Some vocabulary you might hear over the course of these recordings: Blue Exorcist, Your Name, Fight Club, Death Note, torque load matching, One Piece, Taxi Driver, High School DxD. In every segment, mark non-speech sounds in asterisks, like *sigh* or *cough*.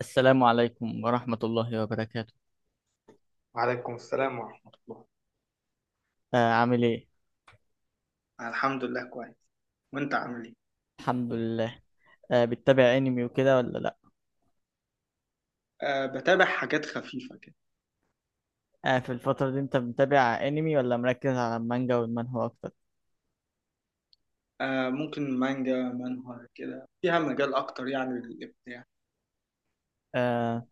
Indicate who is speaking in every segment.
Speaker 1: السلام عليكم ورحمة الله وبركاته.
Speaker 2: وعليكم السلام ورحمة الله.
Speaker 1: عامل ايه؟
Speaker 2: أنا الحمد لله كويس، وأنت عامل إيه؟
Speaker 1: الحمد لله. بتتابع انمي وكده ولا لا؟
Speaker 2: أه، بتابع حاجات خفيفة كده.
Speaker 1: في الفترة دي انت متابع انمي ولا مركز على المانجا والمانهوا اكتر؟
Speaker 2: أه، ممكن مانجا منهوا كده فيها مجال أكتر يعني للإبداع.
Speaker 1: آه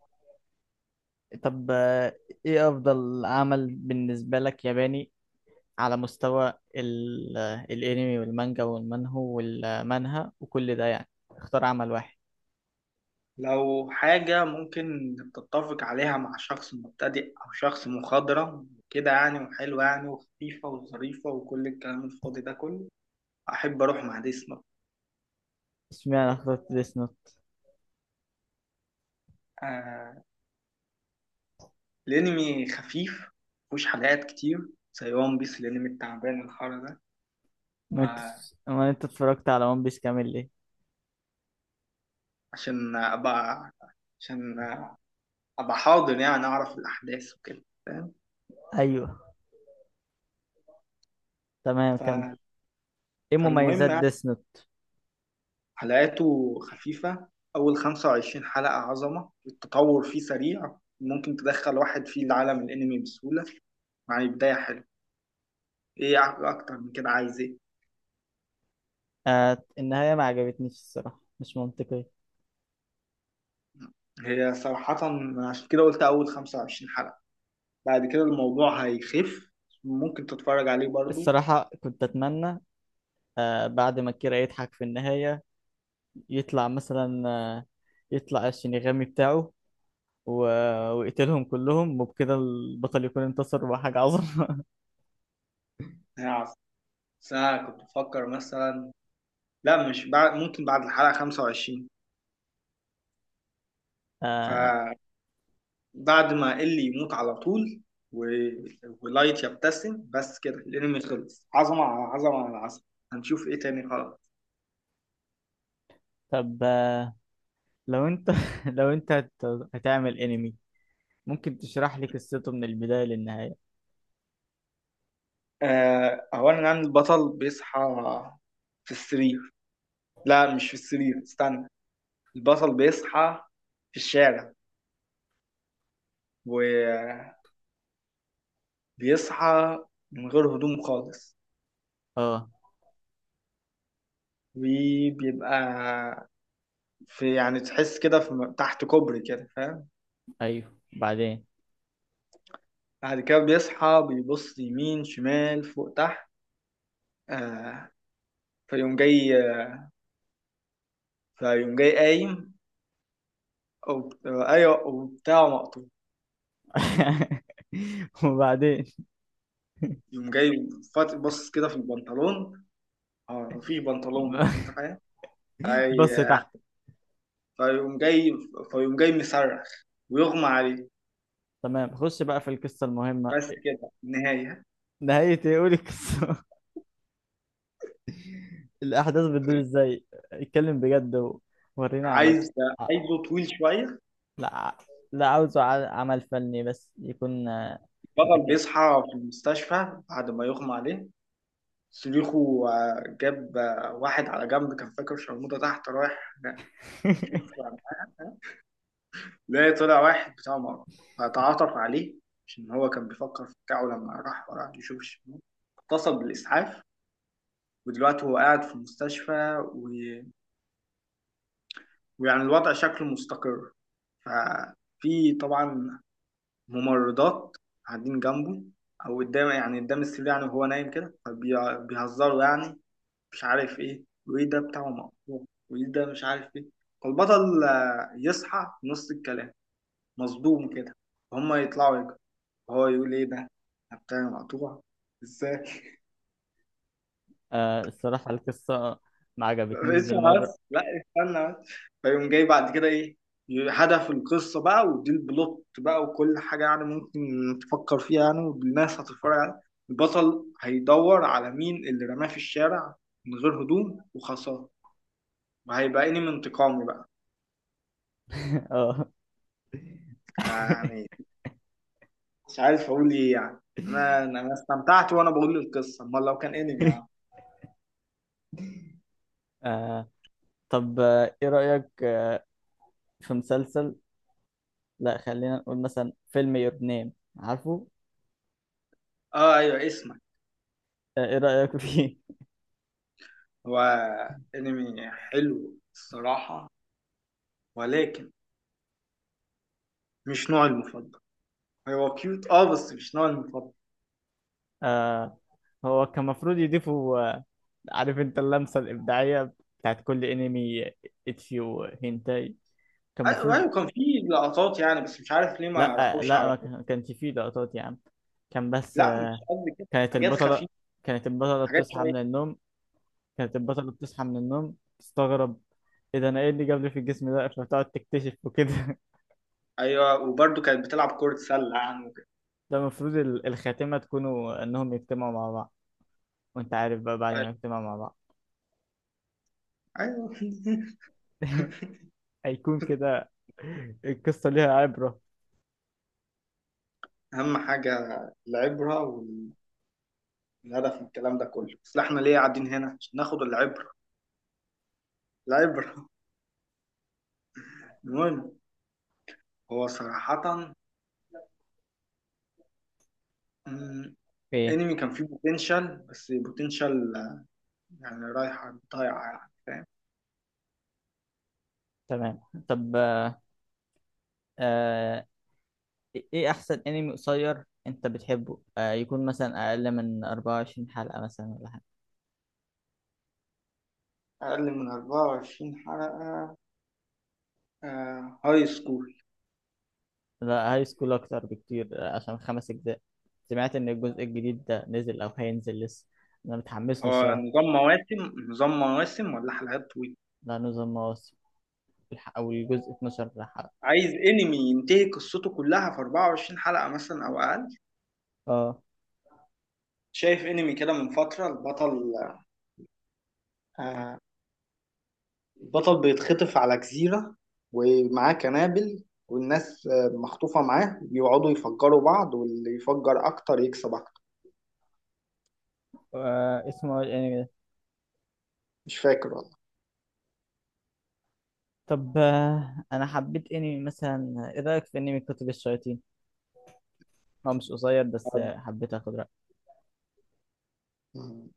Speaker 1: طب آه ايه افضل عمل بالنسبة لك ياباني على مستوى الانمي والمانجا والمانهو والمانهوا وكل ده، يعني اختار عمل واحد.
Speaker 2: لو حاجة ممكن تتفق عليها مع شخص مبتدئ أو شخص مخضرم كده يعني، وحلوة يعني وخفيفة وظريفة وكل الكلام الفاضي ده كله، أحب أروح مع دي سنوب.
Speaker 1: اشمعنى اخترت ديس نوت؟
Speaker 2: أه، الأنمي خفيف، مفهوش حلقات كتير زي وان بيس الأنمي التعبان الحر
Speaker 1: ما انت
Speaker 2: ده.
Speaker 1: ما انت اتفرجت على ون بيس كامل ليه؟
Speaker 2: عشان ابقى عشان ابقى حاضر، يعني اعرف الاحداث وكده فاهم.
Speaker 1: ايوه، تمام،
Speaker 2: ف...
Speaker 1: كمل. ايه
Speaker 2: فالمهم
Speaker 1: مميزات
Speaker 2: يعني،
Speaker 1: ديس نوت؟
Speaker 2: حلقاته خفيفه، اول 25 حلقه عظمه، التطور فيه سريع، ممكن تدخل واحد فيه العالم الانمي بسهوله، يعني بدايه حلوه. ايه، اكتر من كده عايز ايه.
Speaker 1: النهاية ما عجبتنيش الصراحة، مش منطقية.
Speaker 2: هي صراحة، عشان كده قلت أول 25 حلقة. بعد كده الموضوع هيخف، ممكن تتفرج عليه برضو.
Speaker 1: الصراحة كنت أتمنى بعد ما كيرا يضحك في النهاية يطلع مثلا يطلع الشينيغامي بتاعه و... ويقتلهم كلهم، وبكده البطل يكون انتصر وحاجة عظمة.
Speaker 2: هيعرف، بس أنا كنت بفكر مثلا، لا مش بعد، ممكن بعد الحلقة 25.
Speaker 1: *laughs* آه
Speaker 2: فبعد ما إلي يموت على طول و... ولايت يبتسم، بس كده الانمي خلص، عظمة على عظمة على عظمة. هنشوف ايه تاني، خلاص.
Speaker 1: طب آه لو أنت *laughs* لو أنت هت- هتعمل أنمي، ممكن تشرح لي قصته من البداية للنهاية؟
Speaker 2: اولا، عن البطل بيصحى في السرير. لا مش في السرير، استنى. البطل بيصحى في الشارع، وبيصحى من غير هدوم خالص.
Speaker 1: اه.
Speaker 2: وبيبقى في يعني، تحس كده في تحت كوبري كده فاهم.
Speaker 1: أيوه، بعدين.
Speaker 2: بعد كده بيصحى، بيبص يمين شمال فوق تحت. آه فيقوم جاي فيقوم جاي قايم، أو أيوه، وبتاعه مقطوع.
Speaker 1: *laughs* وبعدين.
Speaker 2: يقوم جاي، بص كده في البنطلون. اه، مفيش بنطلون، بس انت
Speaker 1: *laughs*
Speaker 2: فاهم.
Speaker 1: بص
Speaker 2: في-
Speaker 1: تحت.
Speaker 2: فيقوم جاي فيقوم جاي مصرخ، ويغمى عليه.
Speaker 1: تمام، خش بقى في القصة المهمة.
Speaker 2: بس كده النهاية.
Speaker 1: نهاية ايه؟ قولي القصة. *laughs* الأحداث بتدور ازاي؟ اتكلم بجد وورينا عملك.
Speaker 2: عايز
Speaker 1: آه.
Speaker 2: عايزه طويل شوية.
Speaker 1: لا، لا، عمل فني، بس يكون
Speaker 2: البطل
Speaker 1: متكامل.
Speaker 2: بيصحى في المستشفى بعد ما يغمى عليه، صريخه جاب واحد على جنب، كان فاكر شرموطة تحت رايح شوف
Speaker 1: *laughs*
Speaker 2: معاها. لا، طلع واحد بتاع مغرب، فتعاطف عليه، عشان هو كان بيفكر في بتاعه لما راح، وراح يشوف الشمال، اتصل بالإسعاف. ودلوقتي هو قاعد في المستشفى، ويعني الوضع شكله مستقر. ففي طبعا ممرضات قاعدين جنبه، أو قدام يعني قدام السرير يعني، وهو نايم كده، فبيهزروا يعني، مش عارف إيه وإيه، ده بتاعه مقطوع وإيه ده، مش عارف إيه. فالبطل يصحى في نص الكلام، مصدوم كده، هما يطلعوا يجروا، هو يقول ايه ده، أنا بتاعي مقطوع ازاي؟ *laughs*
Speaker 1: الصراحة القصة ما عجبتنيش
Speaker 2: اسمع
Speaker 1: بالمرة.
Speaker 2: بس، لا استنى بس. فيقوم جاي بعد كده ايه؟ هدف القصة بقى، ودي البلوت بقى، وكل حاجة يعني ممكن تفكر فيها يعني والناس هتتفرج عليها. البطل هيدور على مين اللي رماه في الشارع من غير هدوم وخسارة، وهيبقى انمي انتقامي بقى.
Speaker 1: *laughs* اه.
Speaker 2: أنا يعني،
Speaker 1: *laughs*
Speaker 2: مش عارف اقول ايه يعني. انا استمتعت وانا بقول القصة، امال لو كان انمي يعني.
Speaker 1: آه، طب آه، ايه رأيك في مسلسل؟ لا، خلينا نقول مثلا فيلم يور نيم، عارفه؟
Speaker 2: اه، ايوه، اسمع.
Speaker 1: ايه رأيك فيه؟ *laughs*
Speaker 2: هو انمي حلو الصراحة، ولكن مش نوعي المفضل. هو كيوت، اه، بس مش نوعي المفضل.
Speaker 1: آه، هو كان المفروض يضيفوا، عارف انت، اللمسة الإبداعية بتاعت كل انمي، اتشي وهينتاي، كان
Speaker 2: ايوه،
Speaker 1: المفروض.
Speaker 2: أيوة، كان في لقطات يعني، بس مش عارف ليه ما
Speaker 1: لا
Speaker 2: راحوش
Speaker 1: لا،
Speaker 2: على.
Speaker 1: ما كانش فيه لقطات يا عم، كان بس
Speaker 2: لا مش قصدي كده،
Speaker 1: كانت
Speaker 2: حاجات
Speaker 1: البطلة،
Speaker 2: خفيفة،
Speaker 1: كانت البطلة
Speaker 2: حاجات
Speaker 1: بتصحى
Speaker 2: شوية.
Speaker 1: من النوم كانت البطلة بتصحى من النوم تستغرب ايه ده، انا ايه اللي جابني في الجسم ده، فتقعد تكتشف وكده. *laughs*
Speaker 2: ايوه، وبرده كانت بتلعب كرة سلة يعني وكده.
Speaker 1: ده المفروض الخاتمة تكونوا انهم يجتمعوا مع بعض، وانت عارف بقى بعد ما يجتمعوا مع بعض.
Speaker 2: ايوه. *laughs*
Speaker 1: *laughs* هيكون كده، القصة ليها عبرة.
Speaker 2: اهم حاجة العبرة، والهدف من الكلام ده كله، بس احنا ليه قاعدين هنا؟ عشان ناخد العبرة، العبرة. *laughs* المهم، هو صراحة مم،
Speaker 1: ايه،
Speaker 2: انمي كان فيه بوتنشال، بس بوتنشال يعني رايحة ضايعة يعني فاهم.
Speaker 1: تمام. طب آه، ايه احسن انمي قصير انت بتحبه؟ يكون مثلا اقل من 24 حلقة مثلا ولا حاجة.
Speaker 2: أقل من 24 حلقة، آه هاي سكول.
Speaker 1: لا، هاي سكول اكتر بكتير، عشان خمس اجزاء. سمعت ان الجزء الجديد ده نزل او هينزل لسه، انا متحمس له
Speaker 2: هو
Speaker 1: الصراحة.
Speaker 2: نظام مواسم ولا حلقات طويلة؟
Speaker 1: ده نظام مواسم، او الجزء 12 حلقة.
Speaker 2: عايز انمي ينتهي قصته كلها في 24 حلقة مثلا أو أقل.
Speaker 1: اه.
Speaker 2: شايف انمي كده من فترة. آه البطل بيتخطف على جزيرة ومعاه قنابل، والناس مخطوفة معاه، بيقعدوا يفجروا بعض، واللي يفجر أكتر يكسب أكتر.
Speaker 1: اسمه إيه الانمي ده؟
Speaker 2: مش فاكر.
Speaker 1: طب انا حبيت انمي مثلا، ايه رايك في انمي كتب الشياطين؟ هو مش قصير، بس حبيت اخد رأيك.
Speaker 2: والله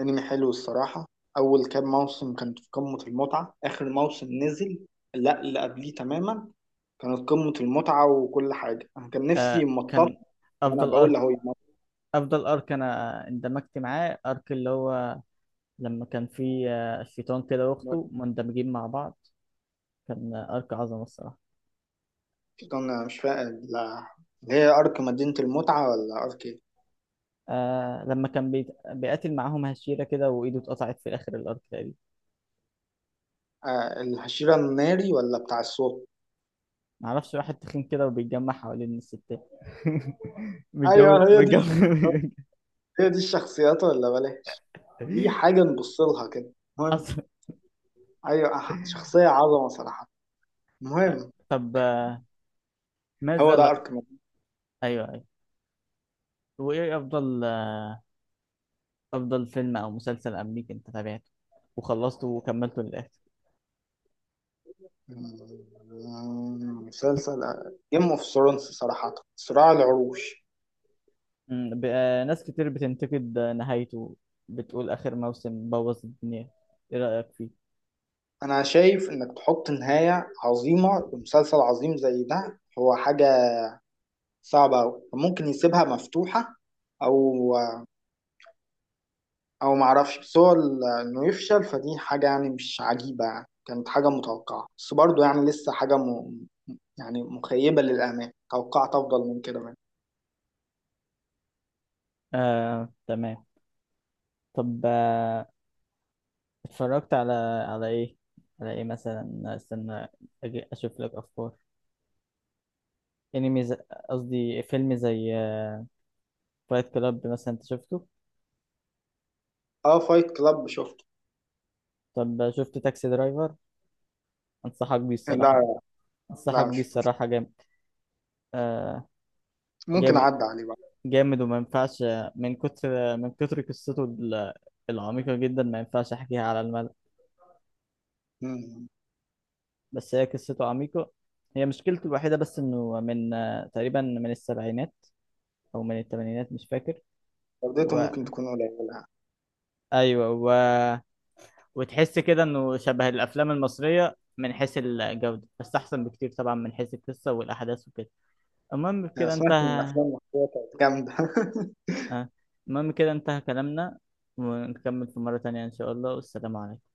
Speaker 2: انمي حلو الصراحة. اول كام موسم كانت في قمة المتعة، اخر موسم نزل، لا اللي قبليه تماما، كانت قمة المتعة وكل حاجة، انا كان نفسي
Speaker 1: آه،
Speaker 2: يمطط.
Speaker 1: كان
Speaker 2: وانا
Speaker 1: افضل
Speaker 2: بقول له،
Speaker 1: ارك، افضل ارك انا اندمجت معاه، ارك اللي هو لما كان فيه الشيطان كده واخته مندمجين مع بعض، كان ارك عظمه الصراحه.
Speaker 2: انا مش فاهم، اللي هي ارك مدينة المتعة ولا ارك ايه؟
Speaker 1: آه لما كان بيقاتل معاهم هشيرة كده وايده اتقطعت في اخر الارك تقريبا.
Speaker 2: آه، الهشيرة الناري ولا بتاع الصوت؟
Speaker 1: معرفش، واحد تخين كده وبيتجمع حوالين الستات. *laughs* بيتجوز
Speaker 2: ايوه، هي دي
Speaker 1: بيتجوز
Speaker 2: الشخصيات، هي دي الشخصيات ولا بلاش. دي حاجة
Speaker 1: *laughs*
Speaker 2: نبص لها كده. المهم.
Speaker 1: حصل.
Speaker 2: ايوه، شخصية عظمة صراحة. المهم.
Speaker 1: طب
Speaker 2: هو
Speaker 1: ماذا
Speaker 2: ده
Speaker 1: لا.
Speaker 2: ارك.
Speaker 1: ايوه ايوه. وايه افضل افضل فيلم او مسلسل امريكي انت تابعته وخلصته وكملته للاخر؟
Speaker 2: مسلسل جيم اوف ثرونز، صراحة، صراع العروش.
Speaker 1: ناس كتير بتنتقد نهايته، بتقول آخر موسم بوظ الدنيا، إيه رأيك فيه؟
Speaker 2: أنا شايف إنك تحط نهاية عظيمة لمسلسل عظيم زي ده هو حاجة صعبة أوي، ممكن يسيبها مفتوحة، أو معرفش. بس هو إنه يفشل، فدي حاجة يعني مش عجيبة يعني، كانت حاجة متوقعة، بس برضه يعني لسه حاجة يعني مخيبة للآمال، توقعت أفضل من كده منه.
Speaker 1: آه، تمام. طب اتفرجت على، على إيه؟ على إيه مثلا؟ استنى أجي أشوف لك أفكار. أنمي ز- قصدي فيلم زي فايت كلاب مثلا، أنت شفته؟
Speaker 2: أه، فايت كلاب شفته.
Speaker 1: طب شفت تاكسي درايفر؟ أنصحك بيه الصراحة،
Speaker 2: لا.
Speaker 1: أنصحك
Speaker 2: لا،
Speaker 1: بيه
Speaker 2: مشفتوش.
Speaker 1: الصراحة، جامد آه،
Speaker 2: ممكن
Speaker 1: جامد،
Speaker 2: أعدي عليه بقى.
Speaker 1: جامد وما ينفعش من كتر العميقة جدا ما ينفعش أحكيها على الملأ.
Speaker 2: مم.
Speaker 1: بس هي قصته عميقة، هي مشكلته الوحيدة بس إنه من تقريبا من السبعينات أو من الثمانينات مش فاكر.
Speaker 2: جودته
Speaker 1: و...
Speaker 2: ممكن تكون قليلة.
Speaker 1: أيوة، وتحس كده إنه شبه الأفلام المصرية من حيث الجودة، بس أحسن بكتير طبعا من حيث القصة والأحداث وكده. المهم
Speaker 2: أنا
Speaker 1: كده
Speaker 2: سمعت إن
Speaker 1: انتهى.
Speaker 2: الأفلام المصرية كانت جامدة. *laughs*
Speaker 1: آه، المهم كده انتهى كلامنا، ونكمل في مرة تانية إن شاء الله، والسلام عليكم.